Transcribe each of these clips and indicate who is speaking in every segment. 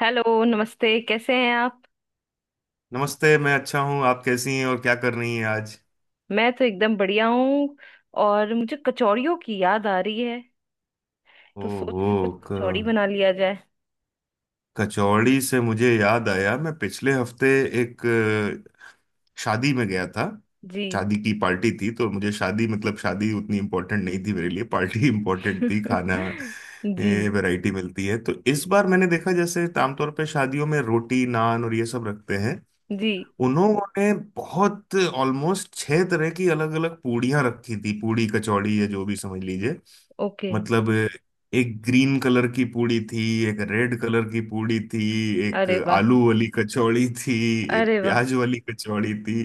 Speaker 1: Hello नमस्ते, कैसे हैं आप।
Speaker 2: नमस्ते। मैं अच्छा हूँ। आप कैसी हैं और क्या कर रही हैं आज?
Speaker 1: मैं तो एकदम बढ़िया हूँ। और मुझे कचौड़ियों की याद आ रही है। तो सोच रही
Speaker 2: ओहो।
Speaker 1: हूँ कुछ
Speaker 2: क,
Speaker 1: कचौड़ी बना लिया जाए।
Speaker 2: कचौड़ी से मुझे याद आया, मैं पिछले हफ्ते एक शादी में गया था।
Speaker 1: जी।
Speaker 2: शादी की पार्टी थी, तो मुझे शादी, मतलब शादी उतनी इम्पोर्टेंट नहीं थी मेरे लिए, पार्टी इम्पोर्टेंट थी, खाना। ये
Speaker 1: जी।
Speaker 2: वैरायटी मिलती है। तो इस बार मैंने देखा, जैसे आमतौर पे शादियों में रोटी, नान और ये सब रखते हैं।
Speaker 1: जी।
Speaker 2: उन्होंने बहुत, ऑलमोस्ट छह तरह की अलग अलग पूड़ियाँ रखी थी, पूड़ी कचौड़ी या जो भी समझ लीजिए।
Speaker 1: ओके।
Speaker 2: मतलब, एक ग्रीन कलर की पूड़ी थी। एक रेड कलर की पूड़ी थी। एक
Speaker 1: अरे वाह।
Speaker 2: आलू वाली कचौड़ी थी। एक
Speaker 1: अरे वाह।
Speaker 2: प्याज वाली कचौड़ी थी।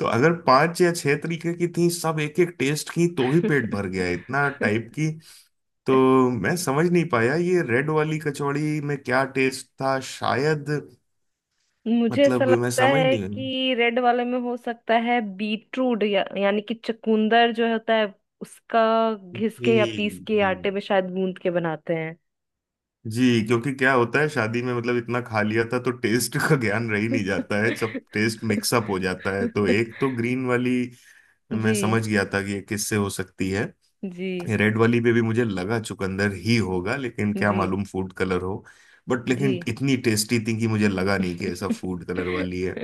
Speaker 2: तो अगर पांच या छह तरीके की थी, सब एक एक टेस्ट की, तो ही पेट भर गया, इतना टाइप की। तो मैं समझ नहीं पाया ये रेड वाली कचौड़ी में क्या टेस्ट था, शायद।
Speaker 1: मुझे ऐसा
Speaker 2: मतलब मैं
Speaker 1: लगता
Speaker 2: समझ
Speaker 1: है
Speaker 2: नहीं।
Speaker 1: कि रेड वाले में हो सकता है बीटरूट या, यानी कि चुकंदर जो होता है उसका घिस
Speaker 2: जी,
Speaker 1: के या पीस के
Speaker 2: जी।
Speaker 1: आटे में शायद गूंद के बनाते हैं।
Speaker 2: जी, क्योंकि क्या होता है शादी में, मतलब इतना खा लिया था तो टेस्ट का ज्ञान रह ही नहीं जाता है, सब टेस्ट मिक्सअप हो जाता है। तो एक तो ग्रीन वाली,
Speaker 1: जी।
Speaker 2: मैं समझ गया था कि ये किससे हो सकती है।
Speaker 1: जी।
Speaker 2: रेड वाली पे भी मुझे लगा चुकंदर ही होगा, लेकिन क्या
Speaker 1: जी।
Speaker 2: मालूम फूड कलर हो। बट
Speaker 1: जी।
Speaker 2: लेकिन इतनी टेस्टी थी कि मुझे लगा नहीं कि ऐसा फूड कलर वाली है।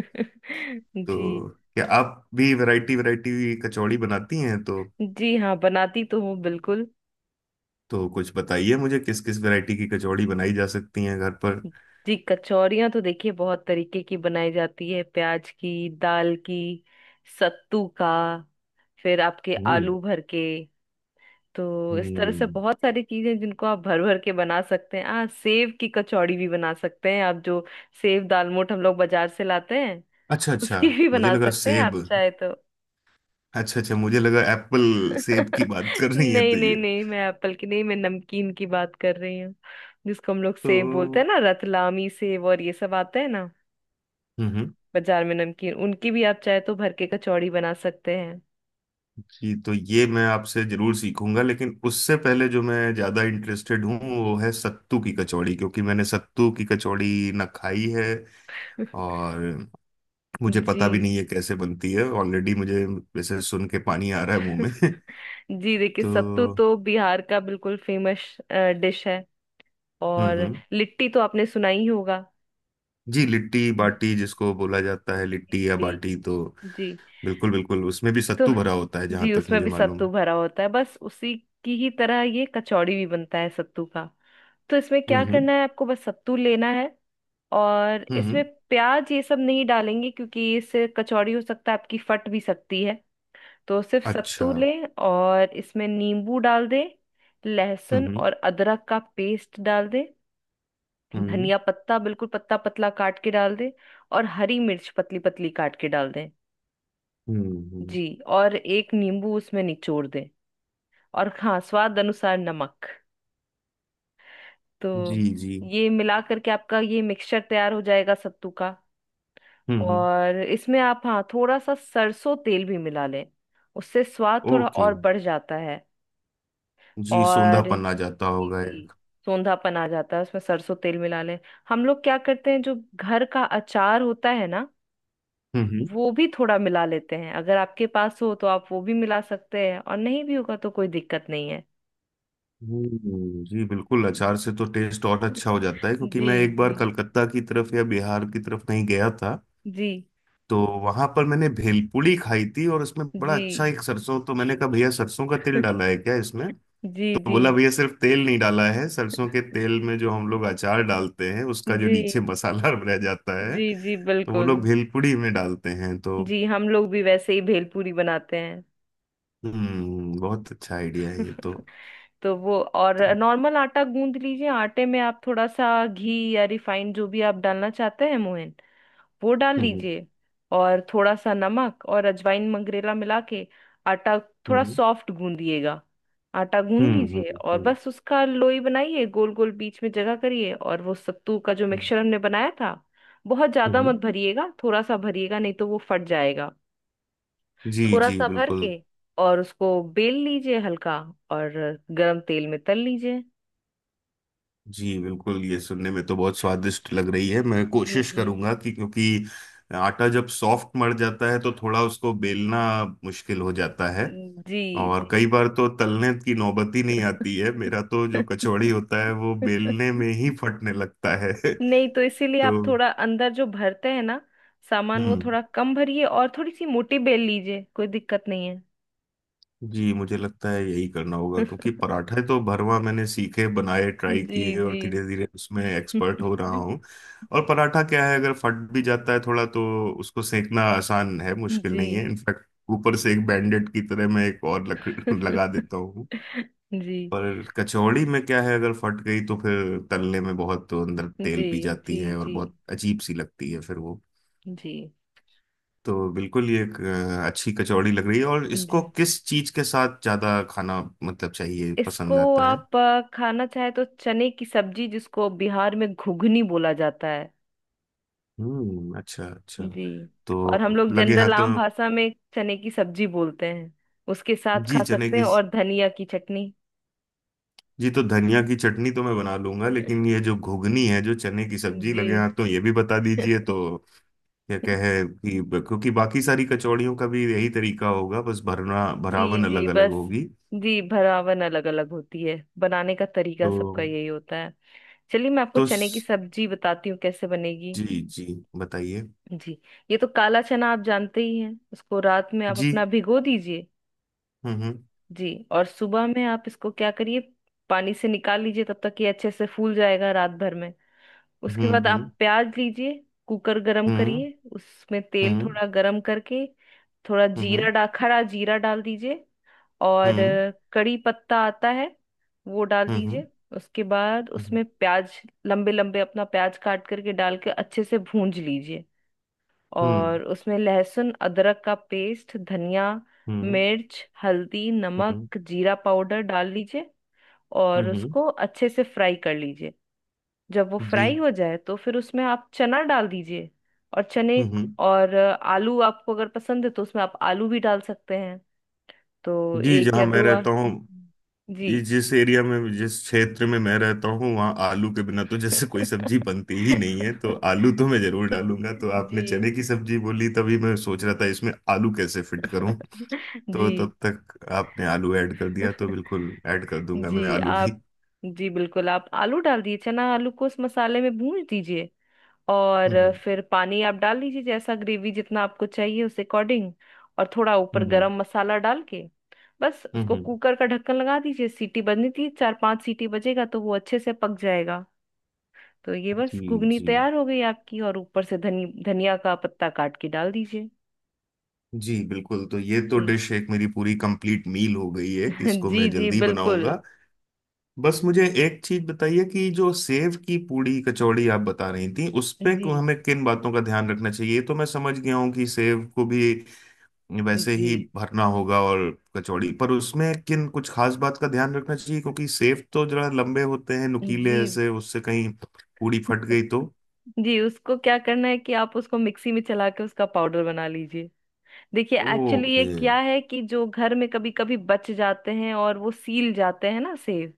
Speaker 1: जी।
Speaker 2: तो क्या आप भी वैरायटी वैरायटी कचौड़ी बनाती हैं तो?
Speaker 1: जी हाँ, बनाती तो हूँ बिल्कुल।
Speaker 2: तो कुछ बताइए मुझे, किस किस वैरायटी की कचौड़ी बनाई जा सकती है घर पर।
Speaker 1: जी, कचौरियाँ तो देखिए बहुत तरीके की बनाई जाती है, प्याज की, दाल की, सत्तू का, फिर आपके
Speaker 2: हम्म,
Speaker 1: आलू भर के। तो इस तरह से
Speaker 2: हम्म,
Speaker 1: बहुत सारी चीजें जिनको आप भर भर के बना सकते हैं। हाँ, सेव की कचौड़ी भी बना सकते हैं आप, जो सेव दालमोठ हम लोग बाजार से लाते हैं,
Speaker 2: अच्छा, अच्छा,
Speaker 1: उसकी भी
Speaker 2: मुझे
Speaker 1: बना
Speaker 2: लगा
Speaker 1: सकते हैं
Speaker 2: सेब।
Speaker 1: आप चाहे तो।
Speaker 2: अच्छा, अच्छा, मुझे लगा एप्पल सेब की बात कर रही है
Speaker 1: नहीं
Speaker 2: तो, ये।
Speaker 1: नहीं नहीं, मैं एप्पल की नहीं, मैं नमकीन की बात कर रही हूँ। जिसको हम लोग
Speaker 2: तो।
Speaker 1: सेब बोलते हैं ना, रतलामी सेब और ये सब आते हैं ना
Speaker 2: हम्म,
Speaker 1: बाजार में नमकीन, उनकी भी आप चाहे तो भर के कचौड़ी बना सकते हैं।
Speaker 2: जी। तो ये मैं आपसे जरूर सीखूंगा, लेकिन उससे पहले जो मैं ज्यादा इंटरेस्टेड हूँ वो है सत्तू की कचौड़ी, क्योंकि मैंने सत्तू की कचौड़ी ना खाई है। और मुझे
Speaker 1: जी।
Speaker 2: पता भी नहीं है कैसे बनती है, ऑलरेडी मुझे वैसे सुन के पानी आ रहा है मुंह में
Speaker 1: जी देखिए,
Speaker 2: तो।
Speaker 1: सत्तू
Speaker 2: हम्म,
Speaker 1: तो बिहार का बिल्कुल फेमस डिश है। और
Speaker 2: हम्म,
Speaker 1: लिट्टी तो आपने सुना ही होगा।
Speaker 2: जी लिट्टी
Speaker 1: जी।
Speaker 2: बाटी जिसको बोला जाता
Speaker 1: जी।
Speaker 2: है, लिट्टी या
Speaker 1: जी।
Speaker 2: बाटी तो।
Speaker 1: जी।
Speaker 2: बिल्कुल बिल्कुल, उसमें भी
Speaker 1: तो
Speaker 2: सत्तू भरा होता है जहां
Speaker 1: जी,
Speaker 2: तक
Speaker 1: उसमें
Speaker 2: मुझे
Speaker 1: भी
Speaker 2: मालूम
Speaker 1: सत्तू
Speaker 2: है।
Speaker 1: भरा होता है, बस उसी की ही तरह ये कचौड़ी भी बनता है सत्तू का। तो इसमें क्या
Speaker 2: हम्म, हम्म,
Speaker 1: करना है, आपको बस सत्तू लेना है और इसमें
Speaker 2: हम्म,
Speaker 1: प्याज ये सब नहीं डालेंगे, क्योंकि इससे कचौड़ी हो सकता है आपकी फट भी सकती है। तो सिर्फ
Speaker 2: अच्छा।
Speaker 1: सत्तू लें और इसमें नींबू डाल दें। लहसुन
Speaker 2: हम्म,
Speaker 1: और अदरक का पेस्ट डाल दें।
Speaker 2: हम्म,
Speaker 1: धनिया पत्ता बिल्कुल पत्ता पतला काट के डाल दें और हरी मिर्च पतली पतली काट के डाल दें।
Speaker 2: हम्म,
Speaker 1: जी। और एक नींबू उसमें निचोड़ दें। और हाँ, स्वाद अनुसार नमक।
Speaker 2: जी,
Speaker 1: तो
Speaker 2: जी।
Speaker 1: ये मिला करके आपका ये मिक्सचर तैयार हो जाएगा सत्तू का।
Speaker 2: हम्म, हम्म,
Speaker 1: और इसमें आप हाँ, थोड़ा सा सरसों तेल भी मिला लें। उससे स्वाद थोड़ा
Speaker 2: ओके।
Speaker 1: और बढ़ जाता है।
Speaker 2: जी,
Speaker 1: और
Speaker 2: सोंधापन आ
Speaker 1: जी
Speaker 2: जाता होगा
Speaker 1: जी,
Speaker 2: एक।
Speaker 1: सौंधापन आ जाता है, उसमें सरसों तेल मिला लें। हम लोग क्या करते हैं, जो घर का अचार होता है ना,
Speaker 2: हम्म,
Speaker 1: वो भी थोड़ा मिला लेते हैं। अगर आपके पास हो तो आप वो भी मिला सकते हैं और नहीं भी होगा तो कोई दिक्कत नहीं है।
Speaker 2: जी बिल्कुल। अचार से तो टेस्ट और अच्छा हो जाता है, क्योंकि
Speaker 1: जी।
Speaker 2: मैं एक
Speaker 1: जी।
Speaker 2: बार कलकत्ता की तरफ या बिहार की तरफ नहीं गया था।
Speaker 1: जी।
Speaker 2: तो वहां पर मैंने भेलपूरी खाई थी और उसमें बड़ा अच्छा
Speaker 1: जी।
Speaker 2: एक सरसों। तो मैंने कहा, भैया सरसों का तिल डाला है क्या इसमें?
Speaker 1: जी।
Speaker 2: तो
Speaker 1: जी।
Speaker 2: बोला, भैया सिर्फ तेल नहीं डाला है, सरसों के तेल में जो हम लोग अचार डालते हैं उसका जो
Speaker 1: जी।
Speaker 2: नीचे मसाला रह जाता है।
Speaker 1: जी। जी
Speaker 2: तो वो
Speaker 1: बिल्कुल।
Speaker 2: लोग भेलपुड़ी में डालते हैं तो।
Speaker 1: जी, हम लोग भी वैसे ही भेलपूरी बनाते हैं।
Speaker 2: हम्म, बहुत अच्छा आइडिया है ये तो।
Speaker 1: तो वो और
Speaker 2: तो।
Speaker 1: नॉर्मल आटा गूंद लीजिए। आटे में आप थोड़ा सा घी या रिफाइंड जो भी आप डालना चाहते हैं, मोहन, वो डाल
Speaker 2: हम्म,
Speaker 1: लीजिए। और थोड़ा सा नमक और अजवाइन मंगरेला मिला के आटा थोड़ा
Speaker 2: हम्म,
Speaker 1: सॉफ्ट गूंदिएगा। आटा गूंद
Speaker 2: हम्म, हम्म,
Speaker 1: लीजिए और
Speaker 2: हम्म,
Speaker 1: बस उसका लोई बनाइए, गोल गोल बीच में जगह करिए, और वो सत्तू का जो
Speaker 2: हम्म।
Speaker 1: मिक्सचर हमने बनाया था, बहुत
Speaker 2: हम्म,
Speaker 1: ज्यादा
Speaker 2: हम्म।
Speaker 1: मत भरिएगा, थोड़ा सा भरिएगा, नहीं तो वो फट जाएगा।
Speaker 2: जी,
Speaker 1: थोड़ा
Speaker 2: जी
Speaker 1: सा भर
Speaker 2: बिल्कुल।
Speaker 1: के और उसको बेल लीजिए हल्का। और गरम तेल में तल लीजिए।
Speaker 2: जी बिल्कुल, ये सुनने में तो बहुत स्वादिष्ट लग रही है, मैं
Speaker 1: जी।
Speaker 2: कोशिश
Speaker 1: जी।
Speaker 2: करूंगा कि, क्योंकि आटा जब सॉफ्ट मर जाता है तो थोड़ा उसको बेलना मुश्किल हो जाता है।
Speaker 1: जी। जी।
Speaker 2: और कई बार तो तलने की नौबत ही नहीं आती है, मेरा तो जो कचौड़ी होता है वो बेलने में ही फटने लगता है
Speaker 1: नहीं, तो इसीलिए आप
Speaker 2: तो।
Speaker 1: थोड़ा अंदर जो भरते हैं ना सामान, वो
Speaker 2: हम्म,
Speaker 1: थोड़ा कम भरिए और थोड़ी सी मोटी बेल लीजिए। कोई दिक्कत नहीं है।
Speaker 2: जी मुझे लगता है यही करना होगा, क्योंकि पराठे तो भरवा मैंने सीखे, बनाए, ट्राई
Speaker 1: जी।
Speaker 2: किए, और
Speaker 1: जी।
Speaker 2: धीरे धीरे उसमें एक्सपर्ट हो रहा हूँ। और पराठा क्या है, अगर फट भी जाता है थोड़ा तो उसको सेकना आसान है, मुश्किल
Speaker 1: जी।
Speaker 2: नहीं है इनफैक्ट। ऊपर से एक बैंडेड की तरह मैं एक और लकड़ी लगा देता हूँ।
Speaker 1: जी।
Speaker 2: पर कचौड़ी में क्या है, अगर फट गई तो फिर तलने में बहुत अंदर तेल
Speaker 1: जी।
Speaker 2: P
Speaker 1: G.
Speaker 2: जाती है, और
Speaker 1: जी।
Speaker 2: बहुत अजीब सी लगती है फिर वो।
Speaker 1: जी।
Speaker 2: तो बिल्कुल, ये एक अच्छी कचौड़ी लग रही है। और इसको
Speaker 1: जी।
Speaker 2: किस चीज के साथ ज्यादा खाना, मतलब चाहिए,
Speaker 1: इसको
Speaker 2: पसंद आता है?
Speaker 1: आप खाना चाहे तो चने की सब्जी, जिसको बिहार में घुघनी बोला जाता है।
Speaker 2: हम्म, अच्छा, अच्छा।
Speaker 1: जी। और हम
Speaker 2: तो
Speaker 1: लोग
Speaker 2: लगे हाथ
Speaker 1: जनरल
Speaker 2: तो।
Speaker 1: आम भाषा में चने की सब्जी बोलते हैं। उसके साथ खा
Speaker 2: जी, चने
Speaker 1: सकते हैं,
Speaker 2: की।
Speaker 1: और धनिया की चटनी।
Speaker 2: जी, तो धनिया की चटनी तो मैं बना लूंगा, लेकिन ये जो घुगनी है, जो चने की सब्जी, लगे
Speaker 1: जी।
Speaker 2: हाथ तो ये भी बता दीजिए तो। क्या कहे कि, क्योंकि बाकी सारी कचौड़ियों का भी यही तरीका होगा, बस
Speaker 1: जी।
Speaker 2: भरना भरावन
Speaker 1: जी,
Speaker 2: अलग अलग
Speaker 1: बस।
Speaker 2: होगी
Speaker 1: जी, भरावन अलग अलग होती है, बनाने का तरीका
Speaker 2: तो।
Speaker 1: सबका यही होता है। चलिए, मैं आपको
Speaker 2: तो
Speaker 1: चने की सब्जी बताती हूँ कैसे बनेगी।
Speaker 2: जी, जी, बताइए।
Speaker 1: जी, ये तो काला चना आप जानते ही हैं, उसको रात में आप
Speaker 2: जी।
Speaker 1: अपना भिगो दीजिए।
Speaker 2: हम्म,
Speaker 1: जी। और सुबह में आप इसको क्या करिए, पानी से निकाल लीजिए, तब तक ये अच्छे से फूल जाएगा रात भर में। उसके
Speaker 2: हम्म,
Speaker 1: बाद आप
Speaker 2: हम्म,
Speaker 1: प्याज लीजिए। कुकर गरम
Speaker 2: हम्म,
Speaker 1: करिए, उसमें तेल
Speaker 2: हम्म,
Speaker 1: थोड़ा गरम करके थोड़ा जीरा
Speaker 2: हम्म,
Speaker 1: डा खड़ा जीरा डाल दीजिए। और
Speaker 2: हम्म,
Speaker 1: कड़ी पत्ता आता है, वो डाल
Speaker 2: हम्म,
Speaker 1: दीजिए। उसके बाद
Speaker 2: हम्म,
Speaker 1: उसमें प्याज, लंबे लंबे अपना प्याज काट करके डाल के अच्छे से भूंज लीजिए।
Speaker 2: हम्म,
Speaker 1: और उसमें लहसुन अदरक का पेस्ट, धनिया,
Speaker 2: हम्म,
Speaker 1: मिर्च, हल्दी,
Speaker 2: हम्म, हम्म,
Speaker 1: नमक, जीरा पाउडर डाल लीजिए।
Speaker 2: हम्म,
Speaker 1: और
Speaker 2: हम्म,
Speaker 1: उसको अच्छे से फ्राई कर लीजिए। जब वो
Speaker 2: जी।
Speaker 1: फ्राई हो जाए तो फिर उसमें आप चना डाल दीजिए। और चने
Speaker 2: हम्म,
Speaker 1: और आलू आपको अगर पसंद है तो उसमें आप आलू भी डाल सकते हैं। तो
Speaker 2: जी।
Speaker 1: एक
Speaker 2: जहाँ
Speaker 1: या
Speaker 2: मैं
Speaker 1: दो।
Speaker 2: रहता हूँ,
Speaker 1: जी।
Speaker 2: ये जिस एरिया में, जिस क्षेत्र में मैं रहता हूँ, वहाँ आलू के बिना तो जैसे कोई सब्जी बनती ही नहीं है। तो आलू तो मैं जरूर डालूंगा। तो
Speaker 1: जी।
Speaker 2: आपने चने की सब्जी बोली तभी मैं सोच रहा था इसमें आलू कैसे फिट करूँ। तो
Speaker 1: जी।
Speaker 2: तब तक आपने आलू ऐड कर दिया, तो बिल्कुल ऐड कर दूंगा मैं
Speaker 1: जी।
Speaker 2: आलू
Speaker 1: आप।
Speaker 2: भी।
Speaker 1: जी बिल्कुल, आप आलू डाल दिए, चना आलू को उस मसाले में भून दीजिए। और
Speaker 2: हम्म,
Speaker 1: फिर पानी आप डाल लीजिए, जैसा ग्रेवी जितना आपको चाहिए उस अकॉर्डिंग। और थोड़ा ऊपर
Speaker 2: हम्म,
Speaker 1: गरम मसाला डाल के बस
Speaker 2: हम्म,
Speaker 1: उसको कुकर का ढक्कन लगा दीजिए। सीटी बजनी थी, चार पांच सीटी बजेगा तो वो अच्छे से पक जाएगा। तो ये
Speaker 2: जी,
Speaker 1: बस घुगनी
Speaker 2: जी,
Speaker 1: तैयार हो गई आपकी। और ऊपर से धनी धनिया का पत्ता काट के डाल दीजिए।
Speaker 2: जी बिल्कुल। तो ये तो
Speaker 1: जी।
Speaker 2: डिश एक मेरी पूरी कंप्लीट मील हो गई है, इसको
Speaker 1: जी।
Speaker 2: मैं
Speaker 1: जी
Speaker 2: जल्दी
Speaker 1: बिल्कुल।
Speaker 2: बनाऊंगा। बस मुझे एक चीज बताइए कि जो सेव की पूड़ी कचौड़ी आप बता रही थी, उसमें
Speaker 1: जी।
Speaker 2: को हमें किन बातों का ध्यान रखना चाहिए। ये तो मैं समझ गया हूँ कि सेव को भी वैसे
Speaker 1: जी।
Speaker 2: ही भरना होगा, और कचौड़ी पर उसमें किन कुछ खास बात का ध्यान रखना चाहिए, क्योंकि सेव तो जरा लंबे होते हैं, नुकीले
Speaker 1: जी।
Speaker 2: ऐसे, उससे कहीं पूड़ी फट गई तो।
Speaker 1: जी, उसको क्या करना है कि आप उसको मिक्सी में चला के उसका पाउडर बना लीजिए। देखिए, एक्चुअली
Speaker 2: ओके।
Speaker 1: ये क्या है कि जो घर में कभी कभी बच जाते हैं और वो सील जाते हैं ना सेब,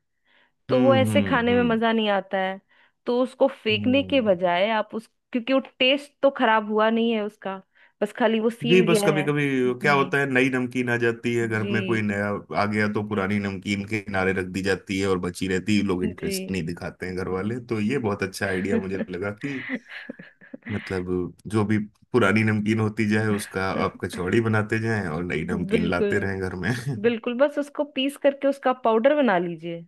Speaker 1: तो वो
Speaker 2: हम्म,
Speaker 1: ऐसे
Speaker 2: हम्म,
Speaker 1: खाने में
Speaker 2: हम्म,
Speaker 1: मजा नहीं आता है। तो उसको फेंकने के
Speaker 2: हम्म,
Speaker 1: बजाय आप उस, क्योंकि वो टेस्ट तो खराब हुआ नहीं है उसका, बस खाली वो
Speaker 2: जी।
Speaker 1: सील
Speaker 2: बस
Speaker 1: गया
Speaker 2: कभी
Speaker 1: है।
Speaker 2: कभी क्या
Speaker 1: जी।
Speaker 2: होता है, नई नमकीन आ जाती है, घर में
Speaker 1: जी।
Speaker 2: कोई नया आ गया तो
Speaker 1: जी।
Speaker 2: पुरानी नमकीन के किनारे रख दी जाती है, और बची रहती है, लोग इंटरेस्ट
Speaker 1: जी।
Speaker 2: नहीं दिखाते हैं घर वाले, तो ये बहुत अच्छा आइडिया मुझे लगा कि मतलब, जो भी पुरानी नमकीन होती जाए उसका आप कचौड़ी बनाते जाएं और नई नमकीन लाते
Speaker 1: बिल्कुल
Speaker 2: रहें घर में
Speaker 1: बिल्कुल, बस उसको पीस करके उसका पाउडर बना लीजिए।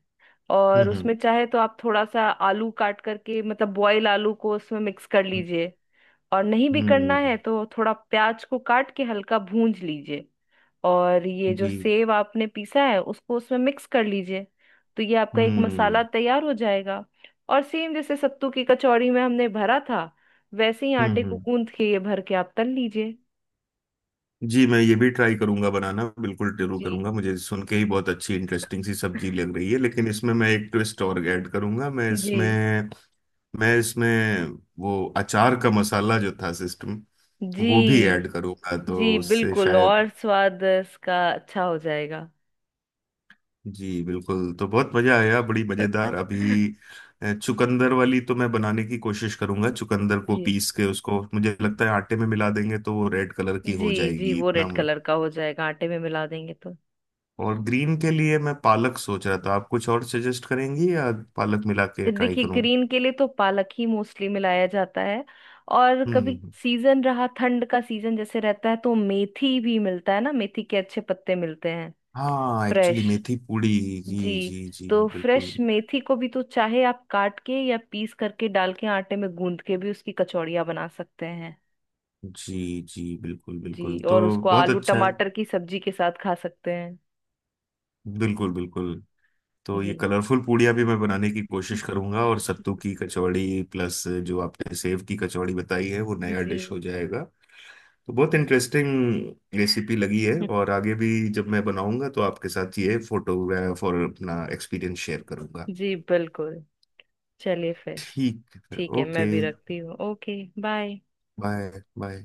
Speaker 1: और
Speaker 2: हम्म,
Speaker 1: उसमें चाहे तो आप थोड़ा सा आलू काट करके, मतलब बॉयल आलू को, उसमें मिक्स कर
Speaker 2: हम्म,
Speaker 1: लीजिए। और नहीं भी करना
Speaker 2: हम्म,
Speaker 1: है तो थोड़ा प्याज को काट के हल्का भूंज लीजिए। और ये जो
Speaker 2: जी।
Speaker 1: सेव आपने पीसा है उसको उसमें मिक्स कर लीजिए। तो ये आपका एक
Speaker 2: हम्म,
Speaker 1: मसाला तैयार हो जाएगा। और सेम जैसे सत्तू की कचौड़ी में हमने भरा था, वैसे ही आटे
Speaker 2: हम्म,
Speaker 1: को
Speaker 2: हम्म,
Speaker 1: गूंथ के ये भर के आप तल लीजिए।
Speaker 2: जी, मैं ये भी ट्राई करूंगा, बनाना बिल्कुल जरूर
Speaker 1: जी।
Speaker 2: करूंगा, मुझे सुन के ही बहुत अच्छी इंटरेस्टिंग सी सब्जी लग रही है, लेकिन इसमें मैं एक ट्विस्ट और ऐड करूंगा। मैं
Speaker 1: जी।
Speaker 2: इसमें मैं इसमें वो अचार का मसाला जो था सिस्टम,
Speaker 1: जी।
Speaker 2: वो भी ऐड करूंगा तो
Speaker 1: जी
Speaker 2: उससे
Speaker 1: बिल्कुल,
Speaker 2: शायद।
Speaker 1: और स्वाद इसका अच्छा हो जाएगा।
Speaker 2: जी बिल्कुल। तो बहुत मजा आया, बड़ी मजेदार। अभी चुकंदर वाली तो मैं बनाने की कोशिश करूंगा, चुकंदर को
Speaker 1: जी।
Speaker 2: पीस के उसको मुझे लगता है आटे में मिला देंगे तो वो रेड कलर की
Speaker 1: जी।
Speaker 2: हो
Speaker 1: जी,
Speaker 2: जाएगी
Speaker 1: वो
Speaker 2: इतना।
Speaker 1: रेड कलर का हो जाएगा आटे में मिला देंगे तो।
Speaker 2: और ग्रीन के लिए मैं पालक सोच रहा था, आप कुछ और सजेस्ट करेंगी, या पालक मिला के ट्राई
Speaker 1: देखिए,
Speaker 2: करूं?
Speaker 1: ग्रीन के लिए तो पालक ही मोस्टली मिलाया जाता है। और
Speaker 2: हम्म,
Speaker 1: कभी सीजन रहा, ठंड का सीजन जैसे रहता है, तो मेथी भी मिलता है ना, मेथी के अच्छे पत्ते मिलते हैं,
Speaker 2: हाँ एक्चुअली
Speaker 1: फ्रेश।
Speaker 2: मेथी पूड़ी।
Speaker 1: जी।
Speaker 2: जी, जी, जी
Speaker 1: तो
Speaker 2: बिल्कुल।
Speaker 1: फ्रेश मेथी को भी तो चाहे आप काट के या पीस करके डाल के आटे में गूंद के भी उसकी कचौड़ियाँ बना सकते हैं।
Speaker 2: जी, जी बिल्कुल बिल्कुल।
Speaker 1: जी,
Speaker 2: तो
Speaker 1: और उसको
Speaker 2: बहुत
Speaker 1: आलू
Speaker 2: अच्छा है,
Speaker 1: टमाटर की सब्जी के साथ खा सकते हैं।
Speaker 2: बिल्कुल बिल्कुल। तो
Speaker 1: जी।
Speaker 2: ये कलरफुल पूड़ियाँ भी मैं बनाने की कोशिश करूंगा, और सत्तू की कचौड़ी प्लस जो आपने सेव की कचौड़ी बताई है, वो नया डिश
Speaker 1: जी।
Speaker 2: हो जाएगा। तो बहुत इंटरेस्टिंग रेसिपी लगी है। और आगे भी जब मैं बनाऊंगा तो आपके साथ ये फोटोग्राफ और अपना एक्सपीरियंस शेयर करूंगा।
Speaker 1: जी बिल्कुल। चलिए फिर।
Speaker 2: ठीक है,
Speaker 1: ठीक है,
Speaker 2: ओके
Speaker 1: मैं भी रखती हूँ। Okay, bye.
Speaker 2: बाय। बाय।